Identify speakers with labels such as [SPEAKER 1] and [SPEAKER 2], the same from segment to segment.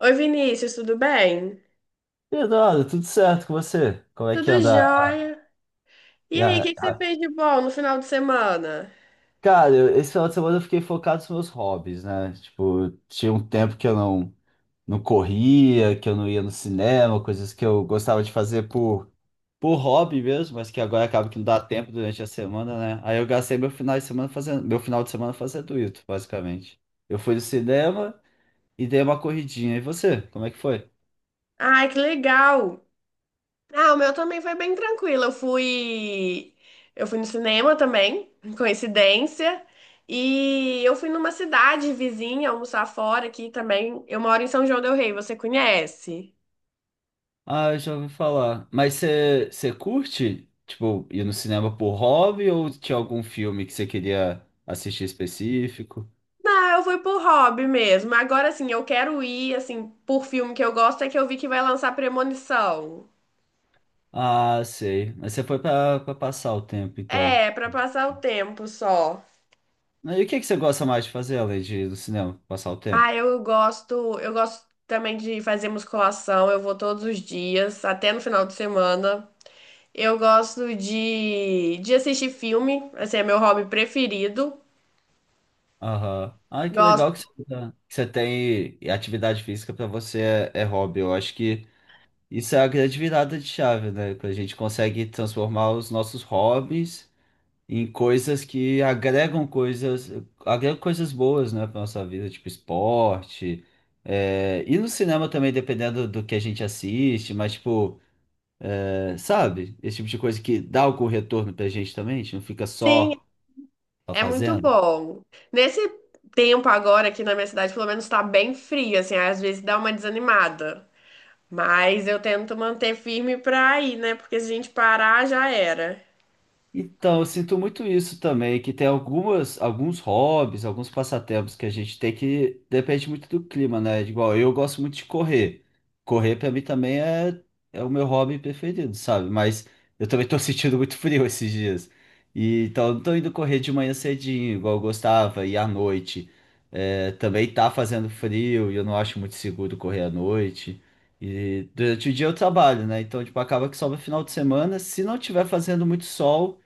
[SPEAKER 1] Oi, Vinícius, tudo bem?
[SPEAKER 2] Eduardo, tudo certo com você? Como é que
[SPEAKER 1] Tudo
[SPEAKER 2] anda?
[SPEAKER 1] jóia.
[SPEAKER 2] E
[SPEAKER 1] E aí, o
[SPEAKER 2] a-
[SPEAKER 1] que que você fez de bom no final de semana?
[SPEAKER 2] Cara, esse final de semana eu fiquei focado nos meus hobbies, né? Tipo, tinha um tempo que eu não, não corria, que eu não ia no cinema, coisas que eu gostava de fazer por hobby mesmo, mas que agora acaba que não dá tempo durante a semana, né? Aí eu gastei meu final de semana fazendo isso, basicamente. Eu fui no cinema e dei uma corridinha. E você, como é que foi?
[SPEAKER 1] Ai, que legal. Ah, o meu também foi bem tranquilo. Eu fui no cinema também, coincidência. E eu fui numa cidade vizinha almoçar fora aqui também. Eu moro em São João del Rei, você conhece?
[SPEAKER 2] Ah, eu já ouvi falar. Mas você curte, tipo, ir no cinema por hobby ou tinha algum filme que você queria assistir específico?
[SPEAKER 1] Não, eu fui por hobby mesmo. Agora, assim, eu quero ir, assim, por filme que eu gosto, é que eu vi que vai lançar Premonição.
[SPEAKER 2] Ah, sei. Mas você foi pra passar o tempo, então.
[SPEAKER 1] É, pra passar o tempo só.
[SPEAKER 2] E o que que você gosta mais de fazer além de ir no cinema, passar o tempo?
[SPEAKER 1] Ah, eu gosto também de fazer musculação, eu vou todos os dias, até no final de semana. Eu gosto de assistir filme, assim, é meu hobby preferido.
[SPEAKER 2] Aham. Ai, que legal
[SPEAKER 1] Gosto,
[SPEAKER 2] que que você tem e atividade física pra você é, é hobby. Eu acho que isso é a grande virada de chave, né? Que a gente consegue transformar os nossos hobbies em coisas que agregam agregam coisas boas, né, para nossa vida, tipo esporte. É, e no cinema também, dependendo do que a gente assiste, mas tipo, é, sabe? Esse tipo de coisa que dá algum retorno pra gente também, a gente não fica
[SPEAKER 1] sim,
[SPEAKER 2] só, só
[SPEAKER 1] é muito
[SPEAKER 2] fazendo.
[SPEAKER 1] bom. Nesse tempo agora aqui na minha cidade, pelo menos tá bem frio, assim, às vezes dá uma desanimada. Mas eu tento manter firme pra ir, né? Porque se a gente parar, já era.
[SPEAKER 2] Então, eu sinto muito isso também, que tem alguns hobbies, alguns passatempos que a gente tem que depende muito do clima, né? Igual eu gosto muito de correr. Correr para mim também é, é o meu hobby preferido, sabe? Mas eu também tô sentindo muito frio esses dias. E, então, eu não tô indo correr de manhã cedinho, igual eu gostava, e à noite. É, também tá fazendo frio e eu não acho muito seguro correr à noite. E durante o dia eu trabalho, né? Então, tipo, acaba que sobra final de semana. Se não tiver fazendo muito sol,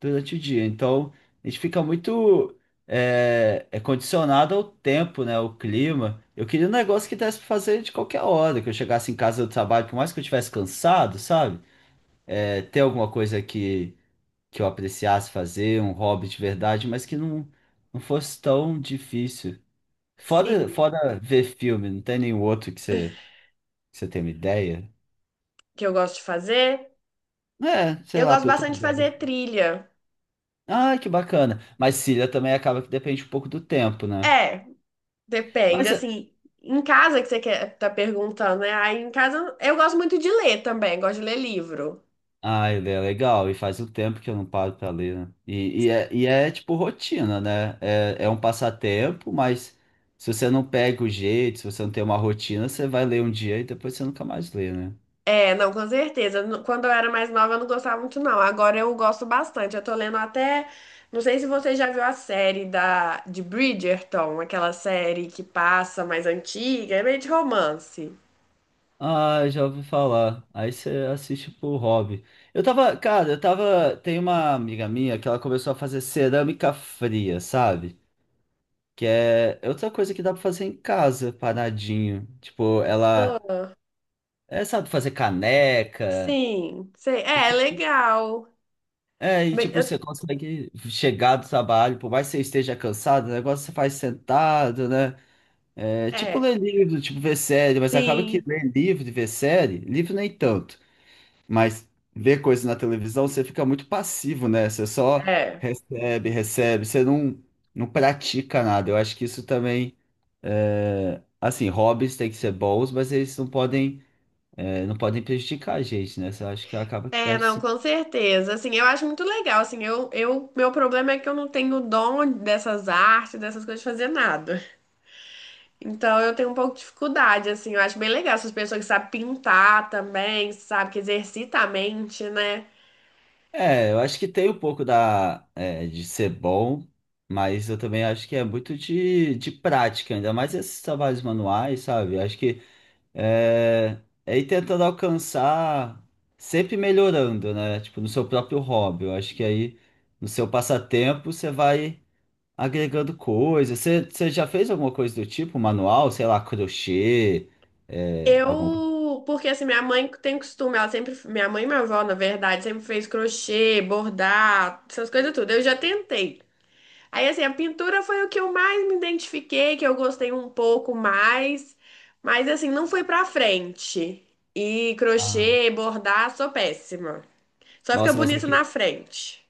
[SPEAKER 2] durante o dia. Então, a gente fica muito é, é condicionado ao tempo, né? Ao clima. Eu queria um negócio que desse pra fazer de qualquer hora, que eu chegasse em casa do trabalho, por mais que eu estivesse cansado, sabe? É, ter alguma que eu apreciasse fazer, um hobby de verdade, mas que não fosse tão difícil.
[SPEAKER 1] Sim,
[SPEAKER 2] Fora ver filme, não tem nenhum outro que você tenha uma ideia?
[SPEAKER 1] que eu gosto de fazer.
[SPEAKER 2] É, sei
[SPEAKER 1] Eu
[SPEAKER 2] lá,
[SPEAKER 1] gosto
[SPEAKER 2] pra eu ter
[SPEAKER 1] bastante de
[SPEAKER 2] ideia.
[SPEAKER 1] fazer trilha.
[SPEAKER 2] Ah, que bacana. Mas Cília também acaba que depende um pouco do tempo, né?
[SPEAKER 1] É. Depende,
[SPEAKER 2] Mas
[SPEAKER 1] assim, em casa que você quer, tá perguntando, né? Aí em casa eu gosto muito de ler também, gosto de ler livro.
[SPEAKER 2] ah, ele é legal, e faz o tempo que eu não paro pra ler, né? Tipo rotina, né? É, é um passatempo, mas se você não pega o jeito, se você não tem uma rotina, você vai ler um dia e depois você nunca mais lê, né?
[SPEAKER 1] É, não, com certeza. Quando eu era mais nova eu não gostava muito, não. Agora eu gosto bastante. Eu tô lendo até. Não sei se você já viu a série de Bridgerton, aquela série que passa mais antiga, é meio de romance.
[SPEAKER 2] Ah, já ouvi falar. Aí você assiste por hobby. Eu tava, cara, eu tava. Tem uma amiga minha que ela começou a fazer cerâmica fria, sabe? Que é outra coisa que dá pra fazer em casa, paradinho. Tipo, ela,
[SPEAKER 1] Ah,
[SPEAKER 2] é, sabe, fazer caneca.
[SPEAKER 1] sim, sei. É, legal.
[SPEAKER 2] É, e
[SPEAKER 1] Bem,
[SPEAKER 2] tipo,
[SPEAKER 1] eu-
[SPEAKER 2] você consegue chegar do trabalho, por mais que você esteja cansado, o negócio você faz sentado, né? É, tipo
[SPEAKER 1] É,
[SPEAKER 2] ler livro, tipo ver série, mas acaba que
[SPEAKER 1] sim.
[SPEAKER 2] ler livro e ver série, livro nem tanto, mas ver coisa na televisão você fica muito passivo, né? Você só
[SPEAKER 1] É.
[SPEAKER 2] recebe, você não, não pratica nada. Eu acho que isso também, é, assim, hobbies têm que ser bons, mas eles é, não podem prejudicar a gente, né? Eu acho que acaba que
[SPEAKER 1] É,
[SPEAKER 2] perde.
[SPEAKER 1] não, com certeza. Assim, eu acho muito legal. Assim, meu problema é que eu não tenho dom dessas artes, dessas coisas, de fazer nada. Então, eu tenho um pouco de dificuldade. Assim, eu acho bem legal essas pessoas que sabem pintar também, sabe, que exercita a mente, né?
[SPEAKER 2] É, eu acho que tem um pouco é, de ser bom, mas eu também acho que é muito de prática, ainda mais esses trabalhos manuais, sabe? Eu acho que é, é ir tentando alcançar, sempre melhorando, né? Tipo, no seu próprio hobby. Eu acho que aí, no seu passatempo, você vai agregando coisas. Você já fez alguma coisa do tipo, manual? Sei lá, crochê, é, alguma coisa.
[SPEAKER 1] Eu, porque assim, minha mãe tem costume, ela sempre, minha mãe e minha avó, na verdade, sempre fez crochê, bordar, essas coisas tudo. Eu já tentei. Aí, assim, a pintura foi o que eu mais me identifiquei, que eu gostei um pouco mais, mas, assim, não foi pra frente. E
[SPEAKER 2] Ah,
[SPEAKER 1] crochê, bordar, sou péssima. Só fica
[SPEAKER 2] nossa, mas é
[SPEAKER 1] bonito na
[SPEAKER 2] que
[SPEAKER 1] frente.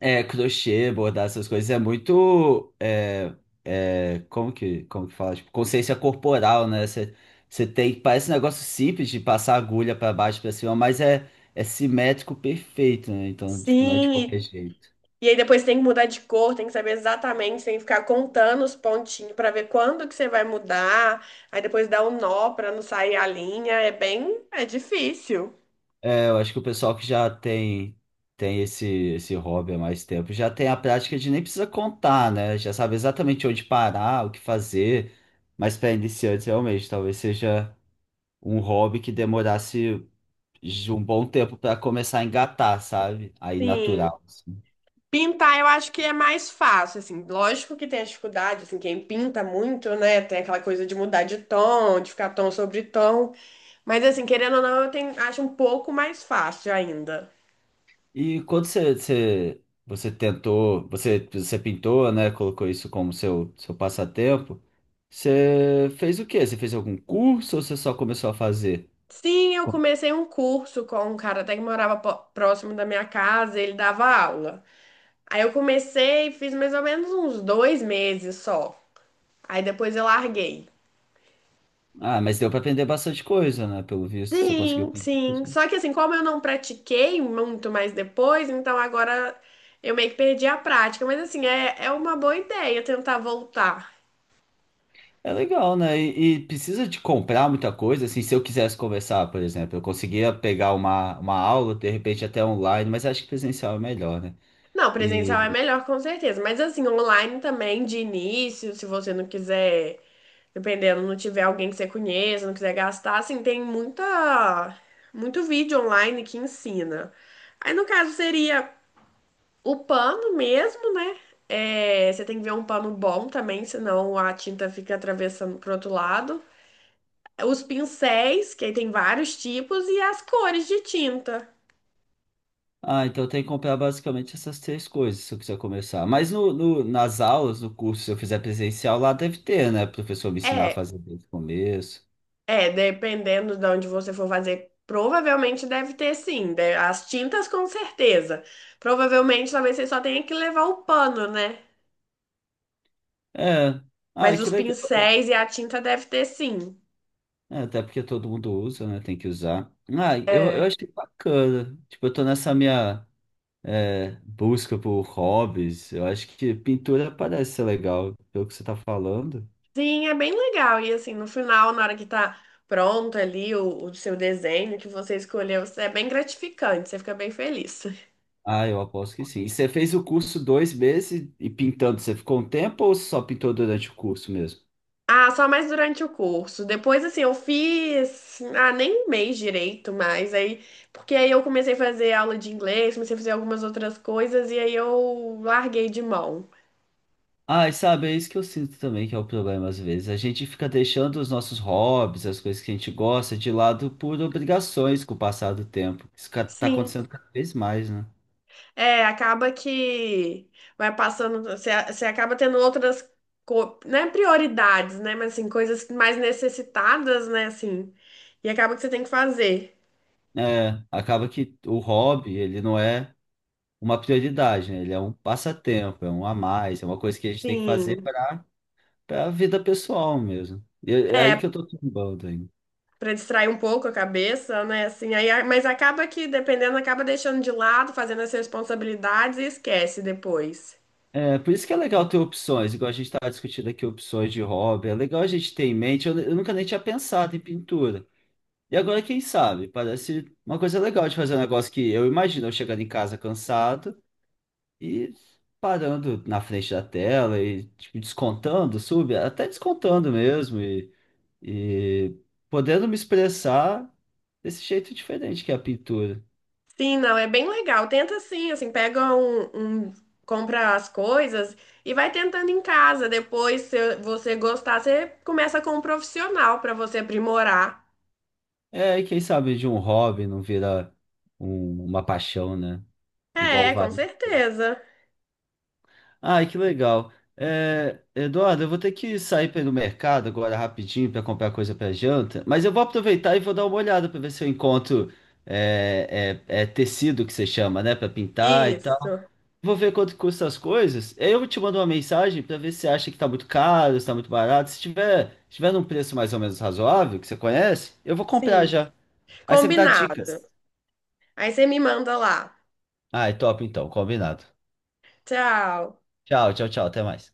[SPEAKER 2] é, crochê, bordar essas coisas é muito. É, é, como que fala? Tipo, consciência corporal, né? Você tem. Parece um negócio simples de passar agulha pra baixo, pra cima, mas é, é simétrico perfeito, né? Então, tipo, não é de
[SPEAKER 1] Sim,
[SPEAKER 2] qualquer jeito.
[SPEAKER 1] e aí depois tem que mudar de cor, tem que saber exatamente, tem que ficar contando os pontinhos pra ver quando que você vai mudar. Aí depois dá um nó pra não sair a linha. É bem, é difícil.
[SPEAKER 2] É, eu acho que o pessoal que já tem esse hobby há mais tempo já tem a prática de nem precisa contar, né? Já sabe exatamente onde parar, o que fazer. Mas para iniciantes, realmente, talvez seja um hobby que demorasse de um bom tempo para começar a engatar, sabe? Aí
[SPEAKER 1] Sim.
[SPEAKER 2] natural, assim.
[SPEAKER 1] Pintar eu acho que é mais fácil, assim, lógico que tem a dificuldade, assim, quem pinta muito, né, tem aquela coisa de mudar de tom, de ficar tom sobre tom, mas assim, querendo ou não, eu tenho, acho um pouco mais fácil ainda.
[SPEAKER 2] E quando você pintou, né? Colocou isso como seu passatempo. Você fez o quê? Você fez algum curso ou você só começou a fazer?
[SPEAKER 1] Sim, eu
[SPEAKER 2] Com-
[SPEAKER 1] comecei um curso com um cara até que morava próximo da minha casa, ele dava aula. Aí eu comecei, fiz mais ou menos uns dois meses só, aí depois eu larguei.
[SPEAKER 2] ah, mas deu para aprender bastante coisa, né? Pelo visto, você conseguiu
[SPEAKER 1] Sim,
[SPEAKER 2] pintar.
[SPEAKER 1] sim. Só que assim, como eu não pratiquei muito mais depois, então agora eu meio que perdi a prática. Mas assim, é uma boa ideia tentar voltar.
[SPEAKER 2] É legal, né? E precisa de comprar muita coisa. Assim, se eu quisesse conversar, por exemplo, eu conseguia pegar uma aula, de repente até online, mas acho que presencial é melhor, né?
[SPEAKER 1] Não, presencial é melhor com certeza. Mas assim, online também, de início, se você não quiser, dependendo, não tiver alguém que você conheça, não quiser gastar, assim, tem muita, muito vídeo online que ensina. Aí no caso seria. O pano mesmo, né? É, você tem que ver um pano bom também, senão a tinta fica atravessando pro outro lado. Os pincéis, que aí tem vários tipos, e as cores de tinta.
[SPEAKER 2] Ah, então tem que comprar basicamente essas três coisas se eu quiser começar. Mas nas aulas, no curso, se eu fizer presencial, lá deve ter, né? O professor me ensinar a
[SPEAKER 1] É,
[SPEAKER 2] fazer desde o começo.
[SPEAKER 1] dependendo de onde você for fazer, provavelmente deve ter sim. As tintas com certeza. Provavelmente talvez você só tenha que levar o pano, né?
[SPEAKER 2] É. Ah,
[SPEAKER 1] Mas
[SPEAKER 2] que
[SPEAKER 1] os
[SPEAKER 2] legal.
[SPEAKER 1] pincéis e a tinta deve ter sim.
[SPEAKER 2] É, até porque todo mundo usa, né? Tem que usar. Ah, eu
[SPEAKER 1] É,
[SPEAKER 2] achei bacana. Tipo, eu tô nessa minha é, busca por hobbies. Eu acho que pintura parece ser legal, pelo que você tá falando.
[SPEAKER 1] Sim, é bem legal. E assim, no final, na hora que tá pronto ali o seu desenho que você escolheu, é bem gratificante, você fica bem feliz.
[SPEAKER 2] Ah, eu aposto que sim. E você fez o curso 2 meses e pintando, você ficou um tempo ou só pintou durante o curso mesmo?
[SPEAKER 1] Ah, só mais durante o curso. Depois, assim, eu fiz. Ah, nem um mês direito, mas aí. Porque aí eu comecei a fazer aula de inglês, comecei a fazer algumas outras coisas, e aí eu larguei de mão.
[SPEAKER 2] Ah, e sabe, é isso que eu sinto também que é o problema às vezes. A gente fica deixando os nossos hobbies, as coisas que a gente gosta, de lado por obrigações com o passar do tempo. Isso ca- tá
[SPEAKER 1] Sim.
[SPEAKER 2] acontecendo cada vez mais, né?
[SPEAKER 1] É, acaba que vai passando, você acaba tendo outras, né, prioridades, né, mas assim, coisas mais necessitadas, né, assim, e acaba que você tem que fazer.
[SPEAKER 2] É, acaba que o hobby, ele não é uma prioridade, né? Ele é um passatempo, é um a mais, é uma coisa que a gente tem que fazer
[SPEAKER 1] Sim,
[SPEAKER 2] para a vida pessoal mesmo. E é aí
[SPEAKER 1] é,
[SPEAKER 2] que eu tô tombando ainda.
[SPEAKER 1] para distrair um pouco a cabeça, né, assim, aí, mas acaba que, dependendo, acaba deixando de lado, fazendo as responsabilidades e esquece depois.
[SPEAKER 2] É, por isso que é legal ter opções, igual a gente estava discutindo aqui opções de hobby. É legal a gente ter em mente. Eu nunca nem tinha pensado em pintura. E agora, quem sabe? Parece uma coisa legal de fazer, um negócio que eu imagino eu chegando em casa cansado e parando na frente da tela e tipo, descontando, sub, até descontando mesmo e podendo me expressar desse jeito diferente que é a pintura.
[SPEAKER 1] Sim, não, é bem legal. Tenta assim, assim, pega compra as coisas e vai tentando em casa. Depois, se você gostar, você começa com um profissional para você aprimorar.
[SPEAKER 2] É, e quem sabe de um hobby não vira uma paixão, né? Igual
[SPEAKER 1] É,
[SPEAKER 2] vai.
[SPEAKER 1] com certeza.
[SPEAKER 2] Ai, que legal. É, Eduardo, eu vou ter que sair para ir no mercado agora rapidinho para comprar coisa para janta, mas eu vou aproveitar e vou dar uma olhada para ver se eu encontro é, tecido que você chama, né, para pintar e tal.
[SPEAKER 1] Isso.
[SPEAKER 2] Vou ver quanto custa as coisas. Aí eu te mando uma mensagem para ver se você acha que está muito caro, se está muito barato. Se tiver num preço mais ou menos razoável, que você conhece, eu vou comprar
[SPEAKER 1] Sim.
[SPEAKER 2] já. Aí você me dá
[SPEAKER 1] Combinado.
[SPEAKER 2] dicas.
[SPEAKER 1] Aí você me manda lá.
[SPEAKER 2] Ai, top então, combinado.
[SPEAKER 1] Tchau.
[SPEAKER 2] Tchau, tchau, tchau. Até mais.